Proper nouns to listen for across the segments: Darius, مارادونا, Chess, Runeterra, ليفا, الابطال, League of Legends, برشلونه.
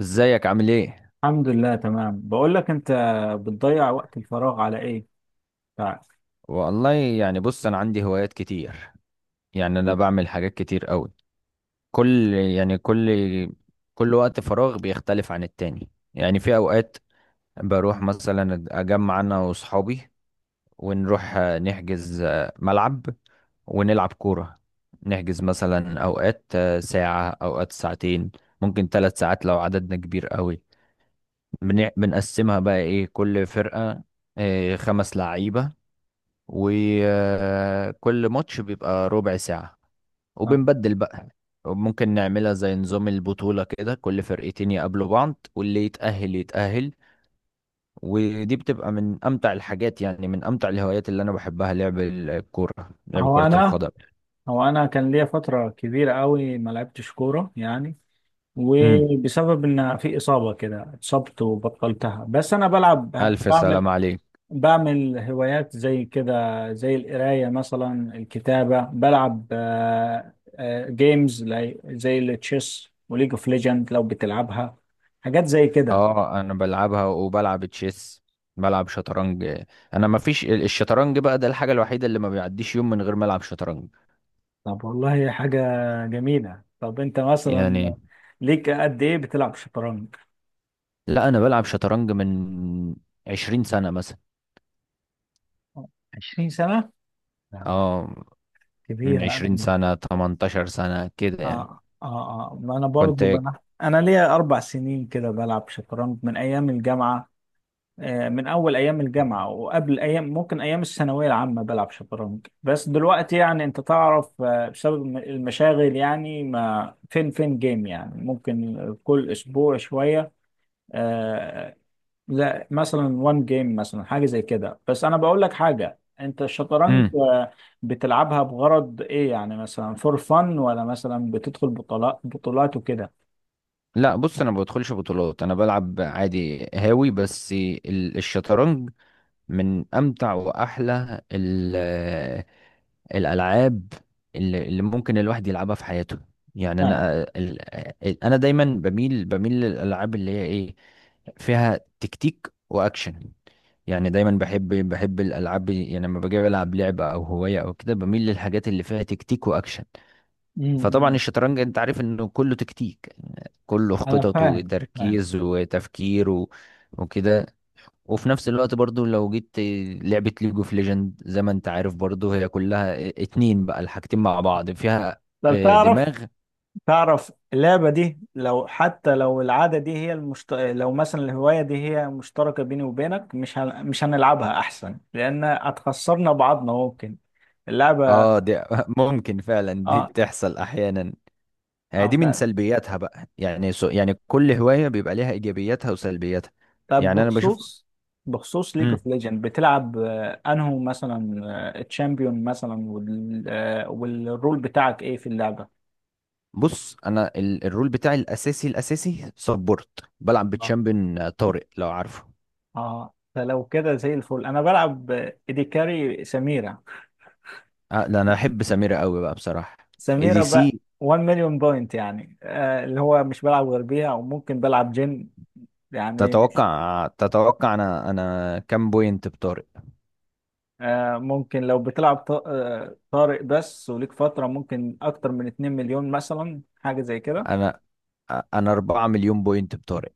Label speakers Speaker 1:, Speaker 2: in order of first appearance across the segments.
Speaker 1: ازيك عامل ايه؟
Speaker 2: الحمد لله تمام، بقول لك انت بتضيع وقت الفراغ على ايه بتاعك؟
Speaker 1: والله، يعني بص انا عندي هوايات كتير. يعني انا بعمل حاجات كتير قوي. كل يعني كل كل وقت فراغ بيختلف عن التاني. يعني في اوقات بروح مثلا اجمع انا واصحابي، ونروح نحجز ملعب ونلعب كورة. نحجز مثلا اوقات ساعة، اوقات ساعتين، ممكن ثلاث ساعات لو عددنا كبير قوي. بنقسمها بقى ايه، كل فرقة خمس لعيبة، وكل ماتش بيبقى ربع ساعة
Speaker 2: آه.
Speaker 1: وبنبدل بقى. ممكن نعملها زي نظام البطولة كده، كل فرقتين يقابلوا بعض واللي يتأهل يتأهل. ودي بتبقى من أمتع الحاجات، يعني من أمتع الهوايات اللي أنا بحبها لعب الكورة، لعب
Speaker 2: هو
Speaker 1: كرة
Speaker 2: انا
Speaker 1: القدم.
Speaker 2: هو انا كان ليا فترة كبيرة قوي ما لعبتش كورة يعني،
Speaker 1: امم.
Speaker 2: وبسبب ان في إصابة كده اتصبت وبطلتها. بس انا بلعب
Speaker 1: ألف سلام
Speaker 2: بعمل
Speaker 1: عليك.
Speaker 2: بعمل هوايات زي كده، زي القراية مثلا، الكتابة، بلعب زي التشيس وليج اوف ليجند لو بتلعبها، حاجات زي كده.
Speaker 1: اه أنا بلعبها وبلعب تشيس، بلعب شطرنج. أنا ما فيش الشطرنج بقى، ده الحاجة الوحيدة اللي ما بيعديش يوم من غير ما ألعب شطرنج.
Speaker 2: طب والله هي حاجة جميلة. طب انت مثلا
Speaker 1: يعني
Speaker 2: ليك قد ايه بتلعب شطرنج؟
Speaker 1: لا، انا بلعب شطرنج من 20 سنة مثلا.
Speaker 2: 20 سنة؟ يعني
Speaker 1: اه، من
Speaker 2: كبيرة. انا
Speaker 1: 20
Speaker 2: ليه؟
Speaker 1: سنة 18 سنة كده يعني.
Speaker 2: اه اه اه، ما انا
Speaker 1: كنت
Speaker 2: برضو بلعب، انا ليا اربع سنين كده بلعب شطرنج من ايام الجامعة، من اول ايام الجامعة، وقبل ايام ممكن ايام الثانوية العامة بلعب شطرنج. بس دلوقتي يعني انت تعرف، بسبب المشاغل يعني، ما فين فين جيم، يعني ممكن كل اسبوع شوية. آه، لا مثلا وان جيم مثلا حاجه زي كده. بس انا بقول لك حاجه، انت الشطرنج
Speaker 1: امم
Speaker 2: بتلعبها بغرض ايه؟ يعني مثلا فور فن، ولا مثلا بتدخل بطولات بطولات وكده؟
Speaker 1: لا بص، انا ما بدخلش بطولات، انا بلعب عادي هاوي. بس الشطرنج من امتع واحلى الالعاب اللي ممكن الواحد يلعبها في حياته. يعني
Speaker 2: فاهم.
Speaker 1: انا ال- انا دايما بميل للالعاب اللي هي ايه، فيها تكتيك واكشن. يعني دايما بحب الالعاب، يعني لما باجي العب لعبه او هوايه او كده بميل للحاجات اللي فيها تكتيك واكشن. فطبعا
Speaker 2: امم
Speaker 1: الشطرنج انت عارف انه كله تكتيك، كله
Speaker 2: انا
Speaker 1: خطط
Speaker 2: فاهم فاهم.
Speaker 1: وتركيز وتفكير وكده. وفي نفس الوقت برضو لو جيت لعبة ليج اوف ليجند، زي ما انت عارف برضو هي كلها اتنين بقى، الحاجتين مع بعض فيها
Speaker 2: طب تعرف،
Speaker 1: دماغ.
Speaker 2: اللعبه دي، لو حتى لو العاده دي هي لو مثلا الهوايه دي هي مشتركه بيني وبينك، مش مش هنلعبها احسن، لان هتخسرنا بعضنا ممكن اللعبه.
Speaker 1: اه دي ممكن فعلا، دي
Speaker 2: اه
Speaker 1: بتحصل احيانا. دي من
Speaker 2: اه.
Speaker 1: سلبياتها بقى، يعني سو يعني كل هواية بيبقى ليها ايجابياتها وسلبياتها.
Speaker 2: طب
Speaker 1: يعني انا بشوف.
Speaker 2: بخصوص، ليج
Speaker 1: مم.
Speaker 2: اوف ليجند، بتلعب انه مثلا الشامبيون مثلا والرول بتاعك ايه في اللعبة؟
Speaker 1: بص، انا الرول بتاعي الاساسي، الاساسي سبورت. بلعب
Speaker 2: آه.
Speaker 1: بتشامبيون طارق، لو عارفه.
Speaker 2: اه، فلو كده زي الفل انا بلعب ايدي كاري سميرة.
Speaker 1: لا، انا احب سميرة قوي بقى بصراحة. اي
Speaker 2: سميرة
Speaker 1: دي
Speaker 2: بقى
Speaker 1: سي،
Speaker 2: 1 مليون بوينت يعني، اللي هو مش بلعب غير بيها، وممكن بلعب جن يعني.
Speaker 1: تتوقع تتوقع انا كام بوينت بطارق؟
Speaker 2: ممكن لو بتلعب طارق بس وليك فترة ممكن اكتر من 2 مليون مثلا، حاجة زي كده.
Speaker 1: انا انا 4 مليون بوينت بطارق.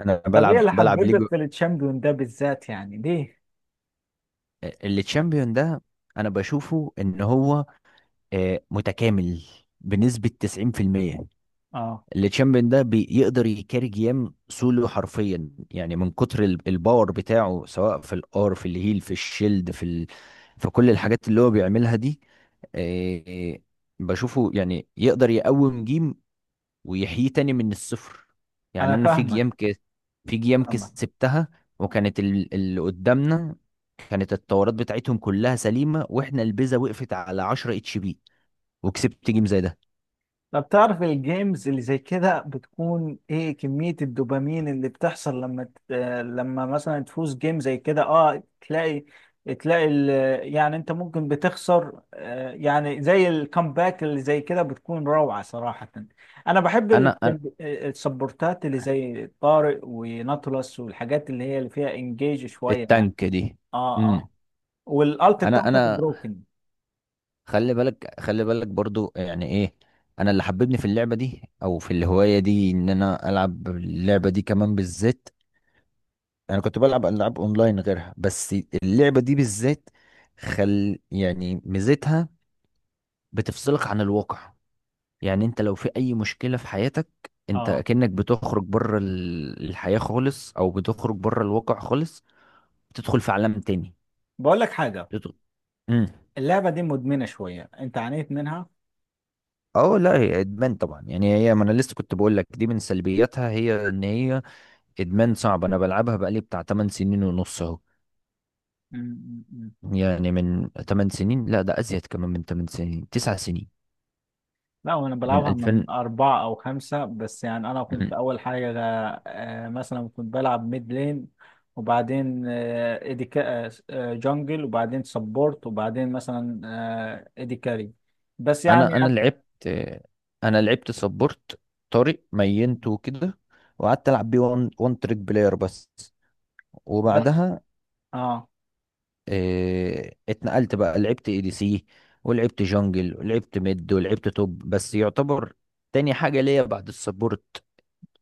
Speaker 1: انا
Speaker 2: طب ايه
Speaker 1: بلعب
Speaker 2: اللي
Speaker 1: بلعب ليج.
Speaker 2: حببك في التشامبيون ده بالذات، يعني ليه؟
Speaker 1: اللي تشامبيون ده انا بشوفه ان هو متكامل بنسبة 90%.
Speaker 2: اه،
Speaker 1: اللي تشامبيون ده بيقدر يكاري جيم سولو حرفيا، يعني من كتر الباور بتاعه، سواء في الار في الهيل في الشيلد في كل الحاجات اللي هو بيعملها دي. آه، بشوفه يعني يقدر يقوم جيم ويحييه تاني من الصفر. يعني
Speaker 2: انا
Speaker 1: انا في
Speaker 2: فاهمك
Speaker 1: جيام كده، في جيام
Speaker 2: فاهمك
Speaker 1: كسبتها، وكانت اللي قدامنا كانت التورات بتاعتهم كلها سليمة، واحنا البيزا وقفت على 10 اتش بي، وكسبت جيم زي ده.
Speaker 2: طب تعرف الجيمز اللي زي كده بتكون ايه كمية الدوبامين اللي بتحصل لما ت... آه، لما مثلا تفوز جيم زي كده؟ اه، تلاقي يعني انت ممكن بتخسر، يعني زي الكامباك اللي زي كده بتكون روعة صراحة. انا بحب
Speaker 1: انا
Speaker 2: السبورتات اللي زي طارق وناتولس، والحاجات اللي هي اللي فيها انجيج شوية يعني.
Speaker 1: التانك دي.
Speaker 2: اه.
Speaker 1: امم.
Speaker 2: آه. والالت
Speaker 1: انا
Speaker 2: بتاعتك
Speaker 1: انا
Speaker 2: بروكن.
Speaker 1: خلي بالك برضو يعني ايه، انا اللي حببني في اللعبة دي او في الهواية دي ان انا العب اللعبة دي كمان بالذات. انا كنت بلعب العاب اونلاين غيرها، بس اللعبه دي بالذات خل يعني ميزتها بتفصلك عن الواقع. يعني انت لو في اي مشكله في حياتك، انت
Speaker 2: اه،
Speaker 1: كأنك بتخرج بره الحياه خالص، او بتخرج بره الواقع خالص، بتدخل في عالم تاني.
Speaker 2: بقول لك حاجه،
Speaker 1: بتدخل امم
Speaker 2: اللعبه دي مدمنه شويه، انت عانيت منها؟
Speaker 1: اه لا، هي ادمان طبعا. يعني هي، ما انا لسه كنت بقول لك دي من سلبياتها، هي ان هي ادمان صعب. انا بلعبها بقالي بتاع 8 سنين ونص اهو.
Speaker 2: م- م- م.
Speaker 1: يعني من 8 سنين، لا ده ازيد، كمان من 8 سنين 9 سنين،
Speaker 2: لا، وانا
Speaker 1: من
Speaker 2: بلعبها من
Speaker 1: 2000.
Speaker 2: اربعه او خمسه بس. يعني انا كنت اول حاجه مثلا كنت بلعب ميد لين، وبعدين آه ايدي كا- آه جونجل، وبعدين سبورت، وبعدين مثلا ايدي كاري. بس يعني
Speaker 1: انا انا
Speaker 2: أنا،
Speaker 1: لعبت انا لعبت سبورت، طارق مينته وكده، وقعدت العب بيه وان تريك بلاير بس.
Speaker 2: بس
Speaker 1: وبعدها
Speaker 2: اه
Speaker 1: اتنقلت بقى، لعبت اي دي سي، ولعبت جونجل، ولعبت ميد، ولعبت توب، بس يعتبر تاني حاجة ليا بعد السبورت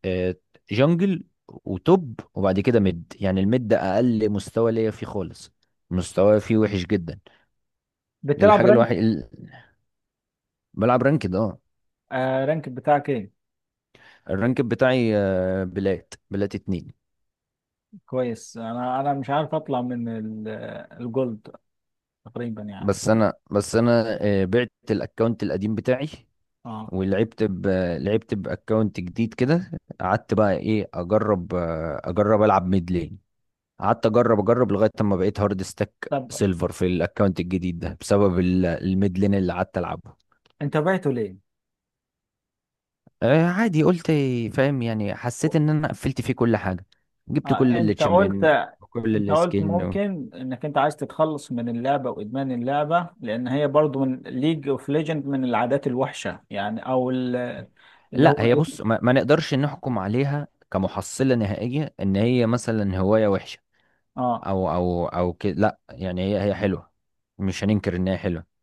Speaker 1: آه، جونجل وتوب، وبعد كده ميد. يعني الميد ده اقل مستوى ليا فيه خالص، مستواي فيه وحش جدا.
Speaker 2: بتلعب
Speaker 1: الحاجة الوحيدة،
Speaker 2: رانك؟
Speaker 1: بلعب رانكد، اه.
Speaker 2: رانك بتاعك ايه؟
Speaker 1: الرانك بتاعي بلات اتنين.
Speaker 2: كويس. انا مش عارف اطلع من الجولد تقريبا يعني.
Speaker 1: بس انا، بعت الاكونت القديم بتاعي،
Speaker 2: اه.
Speaker 1: ولعبت لعبت باكونت جديد كده. قعدت بقى ايه اجرب، اجرب العب ميد لين. قعدت اجرب لغايه اما بقيت هارد ستاك
Speaker 2: طب
Speaker 1: سيلفر في الاكونت الجديد ده، بسبب الميد لين اللي قعدت العبه.
Speaker 2: انت بعته ليه؟
Speaker 1: آه عادي، قلت فاهم يعني، حسيت ان انا قفلت فيه كل حاجه، جبت كل
Speaker 2: آه
Speaker 1: اللي
Speaker 2: انت قلت
Speaker 1: تشامبيون
Speaker 2: انت
Speaker 1: وكل
Speaker 2: قلت
Speaker 1: السكين.
Speaker 2: ممكن انك انت عايز تتخلص من اللعبة، وادمان اللعبة، لان هي برضو من ليج اوف ليجند، من العادات الوحشة يعني، او اللي هو
Speaker 1: لا هي
Speaker 2: ايه.
Speaker 1: بص، ما نقدرش نحكم عليها كمحصلة نهائية ان هي مثلا هواية وحشة،
Speaker 2: اه
Speaker 1: او كده، لا. يعني هي هي حلوة، مش هننكر ان هي حلوة.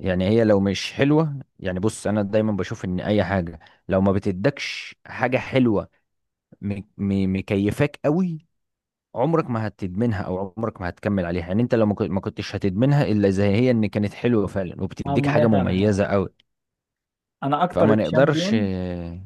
Speaker 1: يعني هي لو مش حلوة، يعني بص انا دايما بشوف ان اي حاجة لو ما بتدكش حاجة حلوة، مكيفاك قوي، عمرك ما هتدمنها او عمرك ما هتكمل عليها. يعني انت لو ما كنتش هتدمنها، الا زي هي ان كانت حلوة فعلا
Speaker 2: اه،
Speaker 1: وبتديك
Speaker 2: ما
Speaker 1: حاجة
Speaker 2: هي فعلا. هو
Speaker 1: مميزة قوي.
Speaker 2: انا اكتر
Speaker 1: فما نقدرش
Speaker 2: تشامبيون
Speaker 1: م-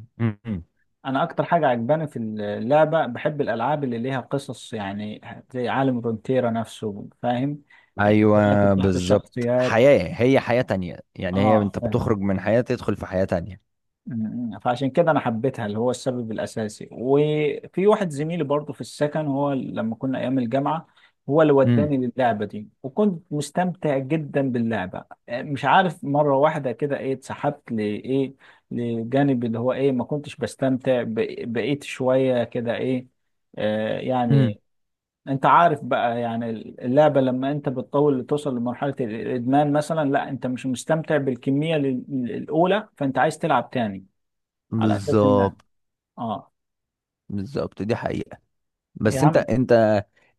Speaker 1: م.
Speaker 2: انا اكتر حاجة عجباني في اللعبة، بحب الالعاب اللي ليها قصص يعني، زي عالم رونتيرا نفسه، فاهم؟ الحكايات
Speaker 1: ايوه
Speaker 2: بتاعت
Speaker 1: بالظبط،
Speaker 2: الشخصيات.
Speaker 1: حياة، هي حياة تانية، يعني هي
Speaker 2: اه
Speaker 1: انت بتخرج
Speaker 2: فاهم.
Speaker 1: من حياة تدخل في حياة تانية.
Speaker 2: فعشان كده انا حبيتها، اللي هو السبب الاساسي. وفي واحد زميلي برضه في السكن، هو لما كنا ايام الجامعه، هو اللي
Speaker 1: امم.
Speaker 2: وداني للعبه دي، وكنت مستمتع جدا باللعبه. مش عارف مره واحده كده ايه اتسحبت لايه، لجانب اللي هو ايه ما كنتش بستمتع بقيت شويه كده ايه
Speaker 1: امم.
Speaker 2: يعني. انت عارف بقى يعني، اللعبه لما انت بتطول توصل لمرحله الادمان مثلا، لا انت مش مستمتع بالكميه الاولى، فانت عايز تلعب تاني على اساس ان.
Speaker 1: بالظبط،
Speaker 2: اه.
Speaker 1: بالظبط دي حقيقة.
Speaker 2: يا
Speaker 1: بس انت
Speaker 2: عم،
Speaker 1: انت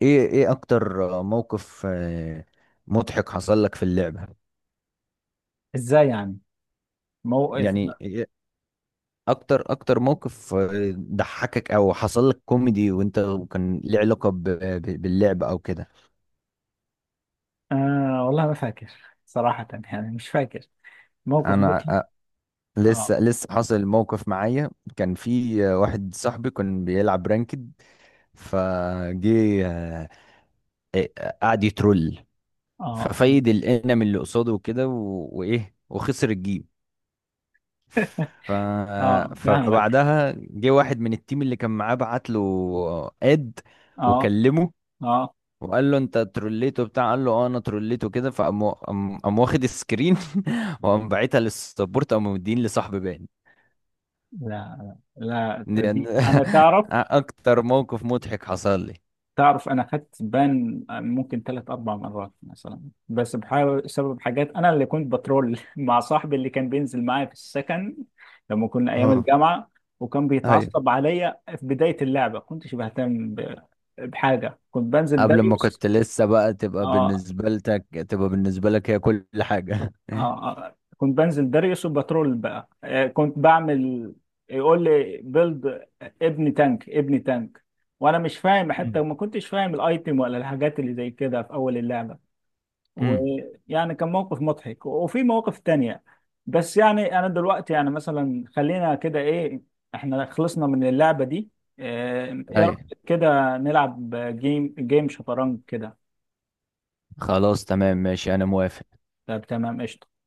Speaker 1: ايه اكتر موقف مضحك حصل لك في اللعبة؟
Speaker 2: ازاي يعني؟ موقف؟
Speaker 1: يعني إيه؟ اكتر موقف ضحكك او حصل لك كوميدي وانت، كان ليه علاقة باللعبة او كده.
Speaker 2: والله ما فاكر صراحة، يعني مش فاكر موقف
Speaker 1: انا
Speaker 2: مضحك.
Speaker 1: لسه
Speaker 2: اه
Speaker 1: لسه حاصل موقف معايا. كان في واحد صاحبي كان بيلعب رانكد، فجه قعد يترول،
Speaker 2: اه.
Speaker 1: ففايد الانم اللي قصاده وكده وايه، وخسر الجيم. ف...
Speaker 2: اه فاهمك.
Speaker 1: فبعدها جه واحد من التيم اللي كان معاه، بعت له اد
Speaker 2: اه
Speaker 1: وكلمه،
Speaker 2: اه،
Speaker 1: وقال له انت تروليته بتاع، قال له اه انا تروليته كده. فقام، قام قام واخد السكرين وقام باعتها للسبورت، قام مدين لصاحبي بان.
Speaker 2: لا، لا، لا،
Speaker 1: دي-
Speaker 2: تصدق؟ انا تعرف،
Speaker 1: اكتر موقف مضحك حصل لي.
Speaker 2: انا خدت بان ممكن ثلاث اربع مرات مثلا، بس بحاول بسبب حاجات. انا اللي كنت بترول مع صاحبي اللي كان بينزل معايا في السكن لما كنا ايام
Speaker 1: اه.
Speaker 2: الجامعه، وكان
Speaker 1: ايوه.
Speaker 2: بيتعصب عليا. في بدايه اللعبه كنتش بهتم بحاجه، كنت بنزل
Speaker 1: قبل ما
Speaker 2: داريوس.
Speaker 1: كنت لسه بقى، تبقى
Speaker 2: اه
Speaker 1: بالنسبة لك تبقى بالنسبة لك هي كل حاجة.
Speaker 2: اه. آه. كنت بنزل داريوس وبترول بقى، كنت بعمل، يقول لي بيلد، ابني تانك ابني تانك، وانا مش فاهم، حتى
Speaker 1: أمم.
Speaker 2: ما كنتش فاهم الايتم ولا الحاجات اللي زي كده في اول اللعبه.
Speaker 1: أمم.
Speaker 2: ويعني كان موقف مضحك، وفي مواقف تانية. بس يعني انا دلوقتي يعني مثلا خلينا كده ايه، احنا خلصنا من اللعبة دي. ايه
Speaker 1: ايوه.
Speaker 2: رأيك كده نلعب جيم شطرنج كده؟
Speaker 1: خلاص تمام ماشي، انا موافق.
Speaker 2: طب تمام قشطة.